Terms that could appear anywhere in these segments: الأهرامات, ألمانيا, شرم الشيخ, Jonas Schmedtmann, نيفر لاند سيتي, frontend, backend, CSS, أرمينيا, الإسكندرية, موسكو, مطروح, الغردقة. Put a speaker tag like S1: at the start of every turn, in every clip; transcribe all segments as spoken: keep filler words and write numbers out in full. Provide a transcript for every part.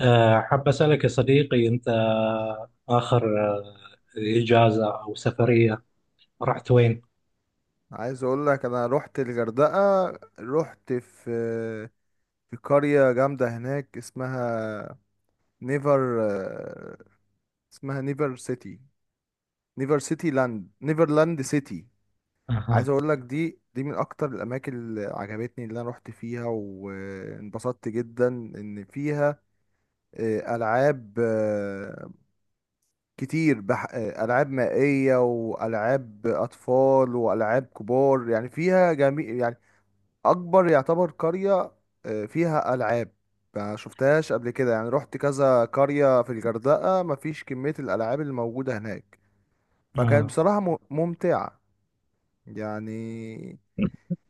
S1: آه، حاب أسألك يا صديقي، أنت آخر آه، إجازة أو سفرية رحت وين؟
S2: عايز اقول لك انا رحت الغردقة. رحت في في قرية جامدة هناك اسمها نيفر، اسمها نيفر سيتي، نيفر سيتي لاند، نيفرلاند سيتي.
S1: أها.
S2: عايز اقول لك دي دي من اكتر الاماكن اللي عجبتني، اللي انا رحت فيها وانبسطت جدا ان فيها آه، العاب آه، كتير بح... آه، العاب مائية، والعاب اطفال، والعاب كبار، يعني فيها جميع، يعني اكبر يعتبر قرية آه، فيها العاب ما شفتهاش قبل كده. يعني رحت كذا قرية في الغردقة، مفيش كمية الالعاب اللي موجودة هناك. فكانت
S1: آه.
S2: بصراحة م- ممتعة. يعني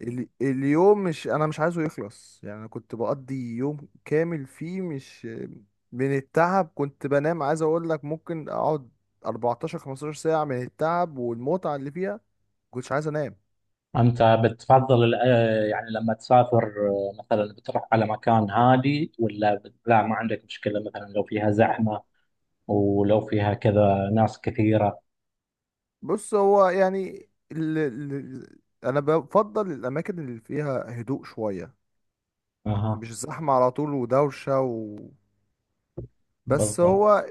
S2: ال- اليوم، مش انا مش عايزه يخلص، يعني أنا كنت بقضي يوم كامل فيه مش من التعب. كنت بنام، عايز اقول لك ممكن اقعد اربعتاشر خمسة عشر ساعة من التعب والمتعة اللي فيها. كنتش عايز انام.
S1: أنت بتفضل الأ- يعني لما تسافر، آه، مثلا بتروح على مكان هادي ولا بت- لا، ما عندك مشكلة مثلا لو فيها زحمة ولو فيها كذا ناس كثيرة؟
S2: بص هو يعني ال... ال... انا بفضل الاماكن اللي فيها هدوء شويه،
S1: أها.
S2: مش زحمه على طول ودوشه و... بس
S1: بالضبط.
S2: هو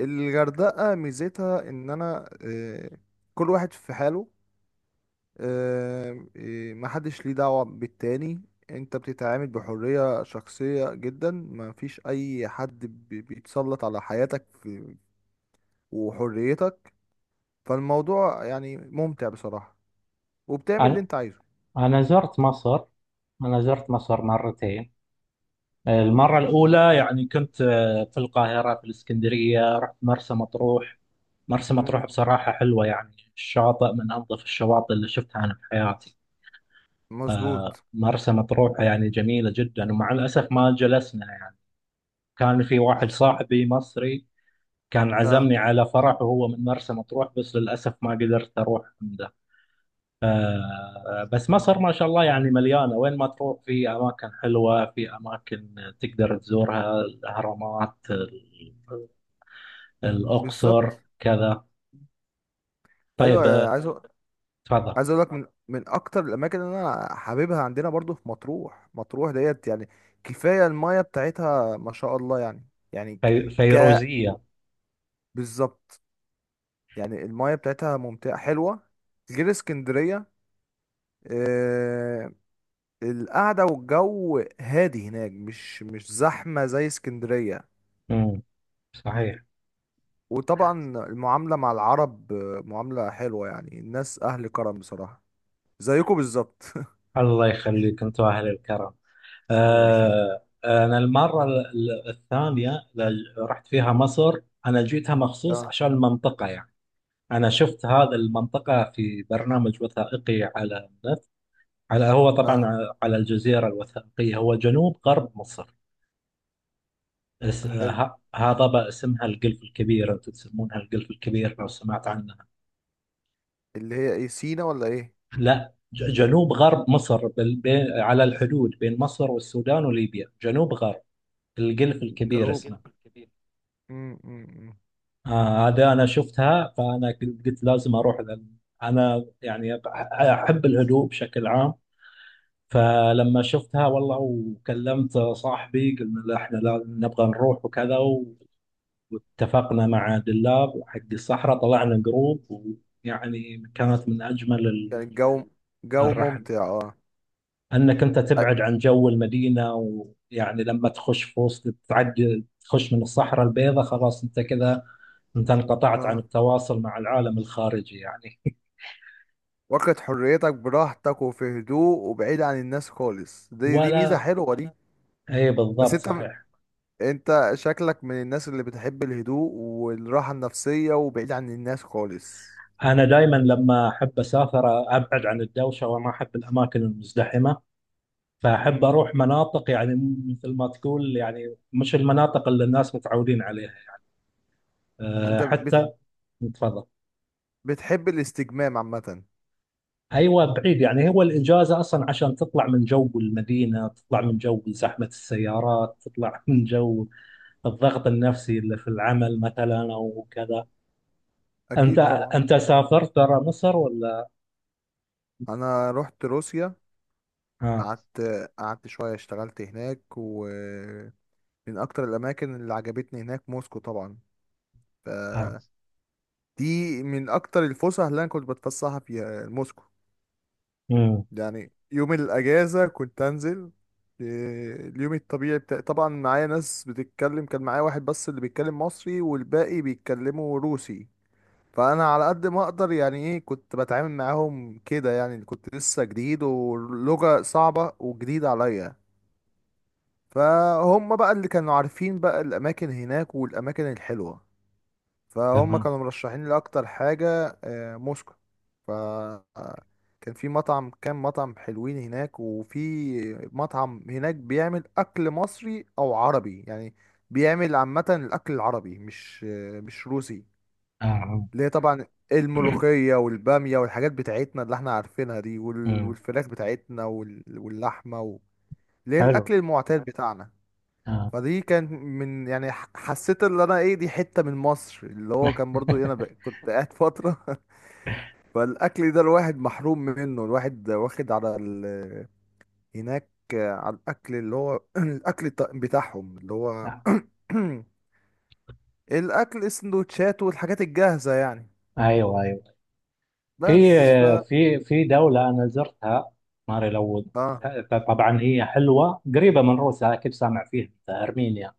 S2: الغردقه ميزتها ان انا آه، كل واحد في حاله، آه، آه، محدش ليه دعوه بالتاني. انت بتتعامل بحريه شخصيه جدا، مفيش اي حد بي- بيتسلط على حياتك في... وحريتك. فالموضوع يعني ممتع بصراحه، وبتعمل اللي
S1: أنا
S2: انت عايزه.
S1: أنا زرت مصر، أنا زرت مصر مرتين. المرة الأولى يعني كنت آه، في القاهرة، في الإسكندرية، رحت مرسى مطروح. مرسى مطروح
S2: مم.
S1: بصراحة حلوة يعني، الشاطئ من أنظف الشواطئ اللي شفتها أنا في حياتي. آه،
S2: مظبوط.
S1: مرسى مطروح يعني جميلة جدا، ومع الأسف ما جلسنا يعني. كان في واحد صاحبي مصري، كان
S2: اه،
S1: عزمني على فرح وهو من مرسى مطروح، بس للأسف ما قدرت أروح عنده. آه، بس مصر ما شاء الله يعني مليانة، وين ما تروح في أماكن حلوة، في أماكن تقدر تزورها، الأهرامات، ال- الأقصر،
S2: بالظبط.
S1: كذا. طيب،
S2: ايوه،
S1: آه،
S2: عايز أ-
S1: تفضل.
S2: عايز اقول لك من من اكتر الاماكن اللي انا حاببها عندنا برضو في مطروح. مطروح ديت يعني كفايه المايه بتاعتها ما شاء الله يعني. يعني ك
S1: في-
S2: ك-
S1: فيروزية.
S2: بالظبط. يعني المايه بتاعتها ممتعه حلوه، غير اسكندريه. آه القعده والجو هادي هناك، مش مش زحمه زي اسكندريه.
S1: صحيح.
S2: وطبعا المعامله مع العرب آه، معامله حلوه، يعني الناس اهل كرم بصراحه، زيكم بالظبط.
S1: الله يخليك، انتم اهل الكرم.
S2: الله يخليك.
S1: آه، انا المره ال- ال- الثانيه ل- رحت فيها مصر، انا جيتها مخصوص
S2: اه،
S1: عشان المنطقه يعني. انا شفت هذا المنطقه في برنامج وثائقي على النت، على هو طبعا
S2: اه،
S1: على الجزيره الوثائقيه. هو جنوب غرب مصر، اس-
S2: حلو.
S1: ه- هذا بقى اسمها القلف الكبير، انتم تسمونها القلف الكبير، لو سمعت عنها.
S2: اللي هي ايه، سينا ولا ايه؟
S1: لا، ج- جنوب غرب مصر، بال- بين- على الحدود بين مصر والسودان وليبيا، جنوب غرب، القلف الكبير
S2: جنوب
S1: اسمه.
S2: الجلف الكبير. مم، مم، مم.
S1: آه هذا انا شفتها، فانا قلت قلت لازم اروح، لأن انا يعني أب- احب الهدوء بشكل عام. فلما شفتها والله وكلمت صاحبي، قلنا لا احنا لا نبغى نروح وكذا و- واتفقنا مع دلاب حق الصحراء، طلعنا جروب، ويعني كانت من اجمل
S2: كان
S1: ال-
S2: الجو، جو
S1: الرحل.
S2: ممتع. اه،
S1: انك انت
S2: أ-
S1: تبعد عن جو المدينه، ويعني لما تخش في وسط، تعدي تخش من الصحراء البيضاء، خلاص انت كذا، انت انقطعت عن
S2: اه،
S1: التواصل مع العالم الخارجي يعني.
S2: واخد حريتك براحتك، وفي هدوء وبعيد عن الناس خالص. دي دي ميزة
S1: ولا
S2: حلوة دي.
S1: اي
S2: بس
S1: بالضبط،
S2: انت
S1: صحيح.
S2: انت شكلك من الناس اللي بتحب الهدوء والراحة النفسية وبعيد عن الناس خالص.
S1: انا دائما لما احب اسافر، ابعد عن الدوشه وما احب الاماكن المزدحمه، فاحب
S2: امم
S1: اروح مناطق يعني، مثل ما تقول يعني، مش المناطق اللي الناس متعودين عليها يعني. أه،
S2: انت بت...
S1: حتى. تفضل.
S2: بتحب الاستجمام عامة.
S1: ايوه، بعيد يعني. هو الاجازه اصلا عشان تطلع من جو المدينه، تطلع من جو زحمه السيارات، تطلع من جو الضغط النفسي اللي في العمل مثلا او كذا. أنت
S2: اكيد طبعا.
S1: أنت سافرت برا مصر ولا؟
S2: انا رحت روسيا.
S1: اه.
S2: قعدت قعدت شوية، اشتغلت هناك. ومن أكتر الأماكن اللي عجبتني هناك موسكو طبعا.
S1: اه.
S2: فدي من أكتر الفسح اللي أنا كنت بتفسحها فيها موسكو.
S1: مم.
S2: يعني يوم الأجازة كنت أنزل، إيه، اليوم الطبيعي بتاع، طبعا معايا ناس بتتكلم، كان معايا واحد بس اللي بيتكلم مصري، والباقي بيتكلموا روسي. فأنا على قد ما أقدر يعني إيه كنت بتعامل معاهم كده، يعني كنت لسه جديد، ولغة صعبة وجديدة عليا. فهم بقى اللي كانوا عارفين بقى الأماكن هناك والأماكن الحلوة، فهم
S1: تمام.
S2: كانوا مرشحين لي أكتر حاجة آه، موسكو. ف آه، كان في مطعم، كام مطعم حلوين هناك، وفي مطعم هناك بيعمل أكل مصري أو عربي، يعني بيعمل عامة الأكل العربي، مش آه، مش روسي.
S1: اه. آه.
S2: اللي هي طبعا الملوخية والبامية والحاجات بتاعتنا اللي احنا عارفينها دي، وال-
S1: أمم،
S2: والفراخ بتاعتنا، وال- واللحمة و- اللي هي
S1: حلو.
S2: الأكل المعتاد بتاعنا.
S1: اه.
S2: فدي كانت من يعني ح- حسيت اللي انا، ايه، دي حتة من مصر، اللي هو كان برضو ايه، انا ب- كنت قاعد فترة. فالاكل ده الواحد محروم منه، الواحد واخد على ال... هناك على الاكل اللي هو الاكل الط- بتاعهم، اللي هو
S1: آه.
S2: الاكل السندوتشات والحاجات الجاهزة يعني.
S1: ايوه، ايوه. في
S2: بس ف
S1: في في دولة انا زرتها، ماري لو.
S2: اه
S1: طبعا هي حلوة، قريبة من روسيا، اكيد سامع فيها أنت، ارمينيا.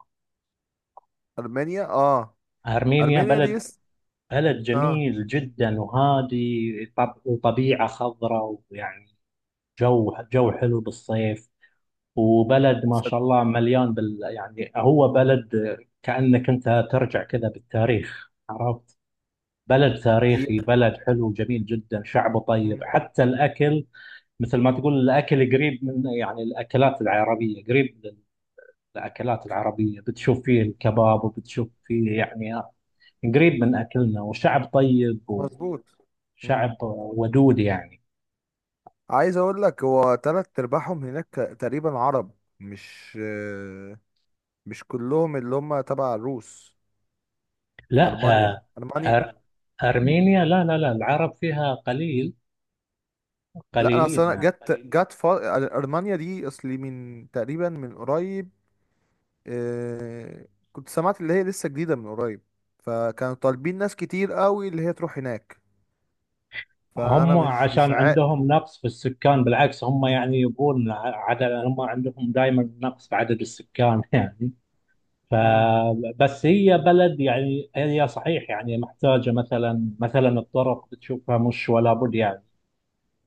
S2: ارمينيا، اه،
S1: ارمينيا
S2: ارمينيا دي
S1: بلد،
S2: لسه.
S1: بلد
S2: اه،
S1: جميل جدا وهادي، طب وطبيعة خضراء، ويعني جو جو حلو بالصيف، وبلد ما
S2: صد-
S1: شاء الله مليان بال يعني، هو بلد كأنك أنت ترجع كذا بالتاريخ، عرفت. بلد
S2: هي
S1: تاريخي، بلد حلو جميل جدا، شعبه طيب،
S2: مم.
S1: حتى الأكل مثل ما تقول، الأكل قريب من يعني الأكلات العربية، قريب للأكلات العربية، بتشوف فيه الكباب، وبتشوف فيه يعني قريب من أكلنا، وشعب طيب
S2: مظبوط.
S1: وشعب ودود يعني.
S2: عايز اقول لك هو تلات ارباعهم هناك تقريبا عرب، مش مش كلهم اللي هم تبع الروس.
S1: لا،
S2: المانيا،
S1: آه،
S2: المانيا.
S1: أر- أرمينيا لا لا لا، العرب فيها قليل،
S2: لا، انا
S1: قليلين
S2: اصلا
S1: يعني.
S2: جت جت ف... المانيا دي اصلي من تقريبا من قريب. آه، كنت سمعت اللي هي لسه جديده من قريب، فكانوا طالبين ناس كتير قوي اللي هي تروح هناك. فانا
S1: هم
S2: مش مش
S1: عشان
S2: عا
S1: عندهم نقص في السكان، بالعكس هم يعني يبون عدد، هم عندهم دائما نقص في عدد السكان يعني.
S2: مم،
S1: فبس هي بلد يعني، هي صحيح يعني محتاجة مثلا مثلا الطرق بتشوفها مش ولا بد يعني.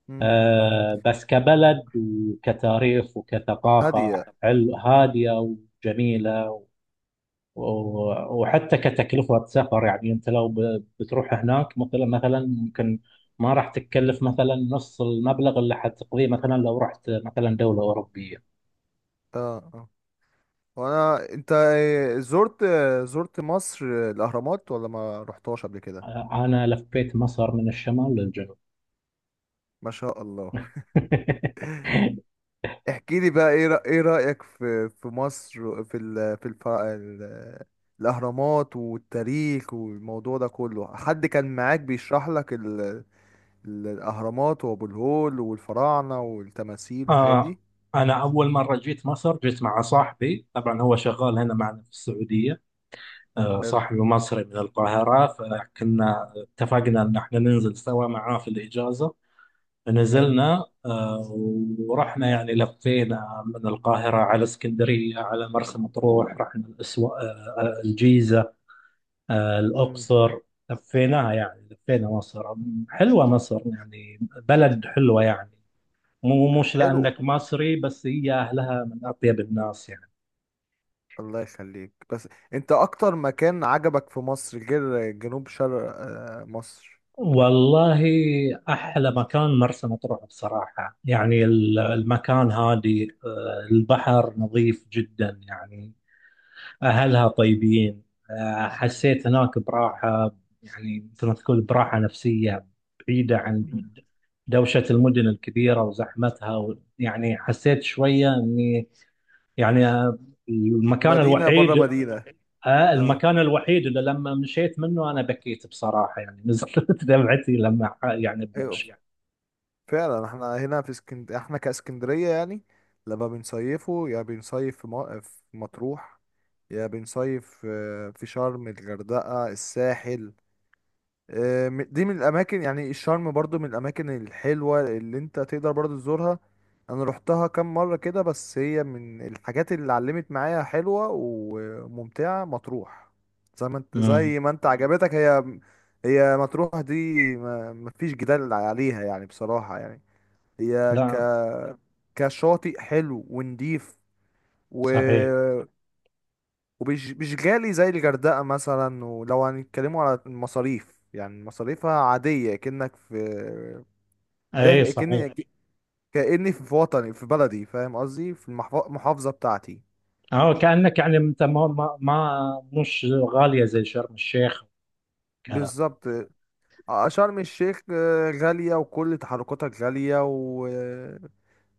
S2: مم، مم، مم.
S1: آه، بس كبلد وكتاريخ وكثقافة
S2: هاديه.
S1: حلو،
S2: مم.
S1: هادية وجميلة. و- وحتى كتكلفة سفر يعني، أنت لو ب- بتروح هناك مثلا مثلا ممكن ما راح تتكلف مثلا نص المبلغ اللي حتقضيه، مثلا لو رحت مثلا دولة أوروبية.
S2: اه، آه. وانا انت، إيه، زرت زرت مصر الاهرامات ولا ما رحتهاش قبل كده؟
S1: آه، أنا لفيت مصر من الشمال للجنوب.
S2: ما شاء الله. احكي لي بقى، ايه رأ- ايه رأيك في في مصر، في ال... في الف... ال... الاهرامات والتاريخ والموضوع ده كله؟ حد كان معاك بيشرح لك ال... ال- الاهرامات وابو الهول والفراعنة والتماثيل والحاجات
S1: آه،
S2: دي؟
S1: أنا أول مرة جيت مصر، جيت مع صاحبي طبعا، هو شغال هنا معنا في السعودية. آه
S2: حلو.
S1: صاحبي مصري من القاهرة، فكنا اتفقنا أن احنا ننزل سوا معاه في الإجازة.
S2: حلو.
S1: نزلنا آه، ورحنا يعني، لفينا من القاهرة على اسكندرية على مرسى مطروح، رحنا الأسوا... آه، آه، الجيزة، آه،
S2: امم.
S1: الأقصر. لفيناها يعني، لفينا مصر. حلوة مصر يعني، بلد حلوة يعني، مو مش
S2: حلو.
S1: لأنك مصري بس، هي أهلها من أطيب الناس يعني.
S2: الله يخليك. بس انت، اكتر مكان عجبك في مصر غير جنوب شرق آه، مصر؟
S1: والله أحلى مكان مرسى مطروح بصراحة يعني، ال- المكان هادي، آه، البحر نظيف جدا يعني، أهلها طيبين. آه، حسيت هناك براحة، يعني مثل ما تقول براحة نفسية، بعيدة عن دوشة المدن الكبيرة وزحمتها و- يعني حسيت شوية إني يعني، آه، المكان
S2: مدينة بره
S1: الوحيد،
S2: مدينة.
S1: آه،
S2: اه.
S1: المكان الوحيد اللي لما مشيت منه أنا بكيت بصراحة يعني، نزلت دمعتي لما ح- يعني
S2: ايوه،
S1: بنمشي.
S2: فعلا، احنا هنا في اسكند احنا كاسكندرية يعني. لما بنصيفه، يا بنصيف في م- في مطروح، يا بنصيف آه، في شرم الغردقة الساحل. آه، م- دي من الاماكن، يعني الشرم برضو من الاماكن الحلوه اللي انت تقدر برضو تزورها. انا روحتها كام مره كده، بس هي من الحاجات اللي علمت معايا حلوه وممتعه مطروح. زي ما انت
S1: مم.
S2: زي ما انت عجبتك. هي، هي مطروح دي ما مفيش جدال عليها يعني بصراحه، يعني هي ك
S1: لا.
S2: كشاطئ حلو ونضيف،
S1: صحيح.
S2: ومش مش غالي زي الغردقة مثلا. ولو هنتكلموا على المصاريف، يعني مصاريفها عادية كأنك في،
S1: اي
S2: ده
S1: صحيح.
S2: كأني كأني في وطني، في بلدي، فاهم قصدي، في المحف- المحافظة بتاعتي.
S1: أو كأنك يعني أنت ما ما ما- مش غالية زي شرم الشيخ.
S2: بالظبط. آه، شرم الشيخ آه، غالية، وكل تحركاتها غالية، و آه،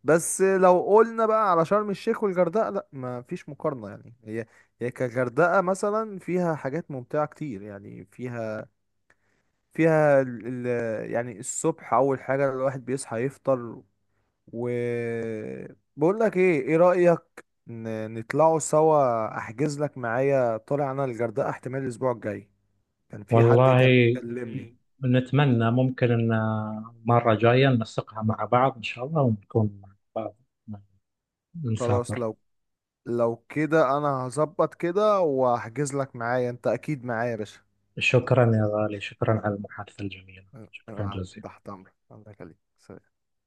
S2: بس لو قلنا بقى على شرم الشيخ والغردقة، لا ما فيش مقارنة، يعني هي هي كغردقة مثلا فيها حاجات ممتعة كتير، يعني فيها فيها ال ال يعني الصبح، اول حاجه الواحد بيصحى يفطر. وبقول لك ايه ايه رايك ن- نطلعوا سوا، احجز لك معايا، طالع انا الغردقه احتمال الاسبوع الجاي. كان في حد
S1: والله
S2: كان مكلمني. اوكي،
S1: نتمنى ممكن ان مرة جاية ننسقها مع بعض ان شاء الله، ونكون مع بعض
S2: خلاص،
S1: نسافر.
S2: لو لو كده انا هظبط كده واحجز لك معايا، انت اكيد معايا يا باشا.
S1: شكرا يا غالي، شكرا على المحادثة الجميلة،
S2: أه،
S1: شكرا
S2: أه،
S1: جزيلا.
S2: تحت امرك، الله يخليك.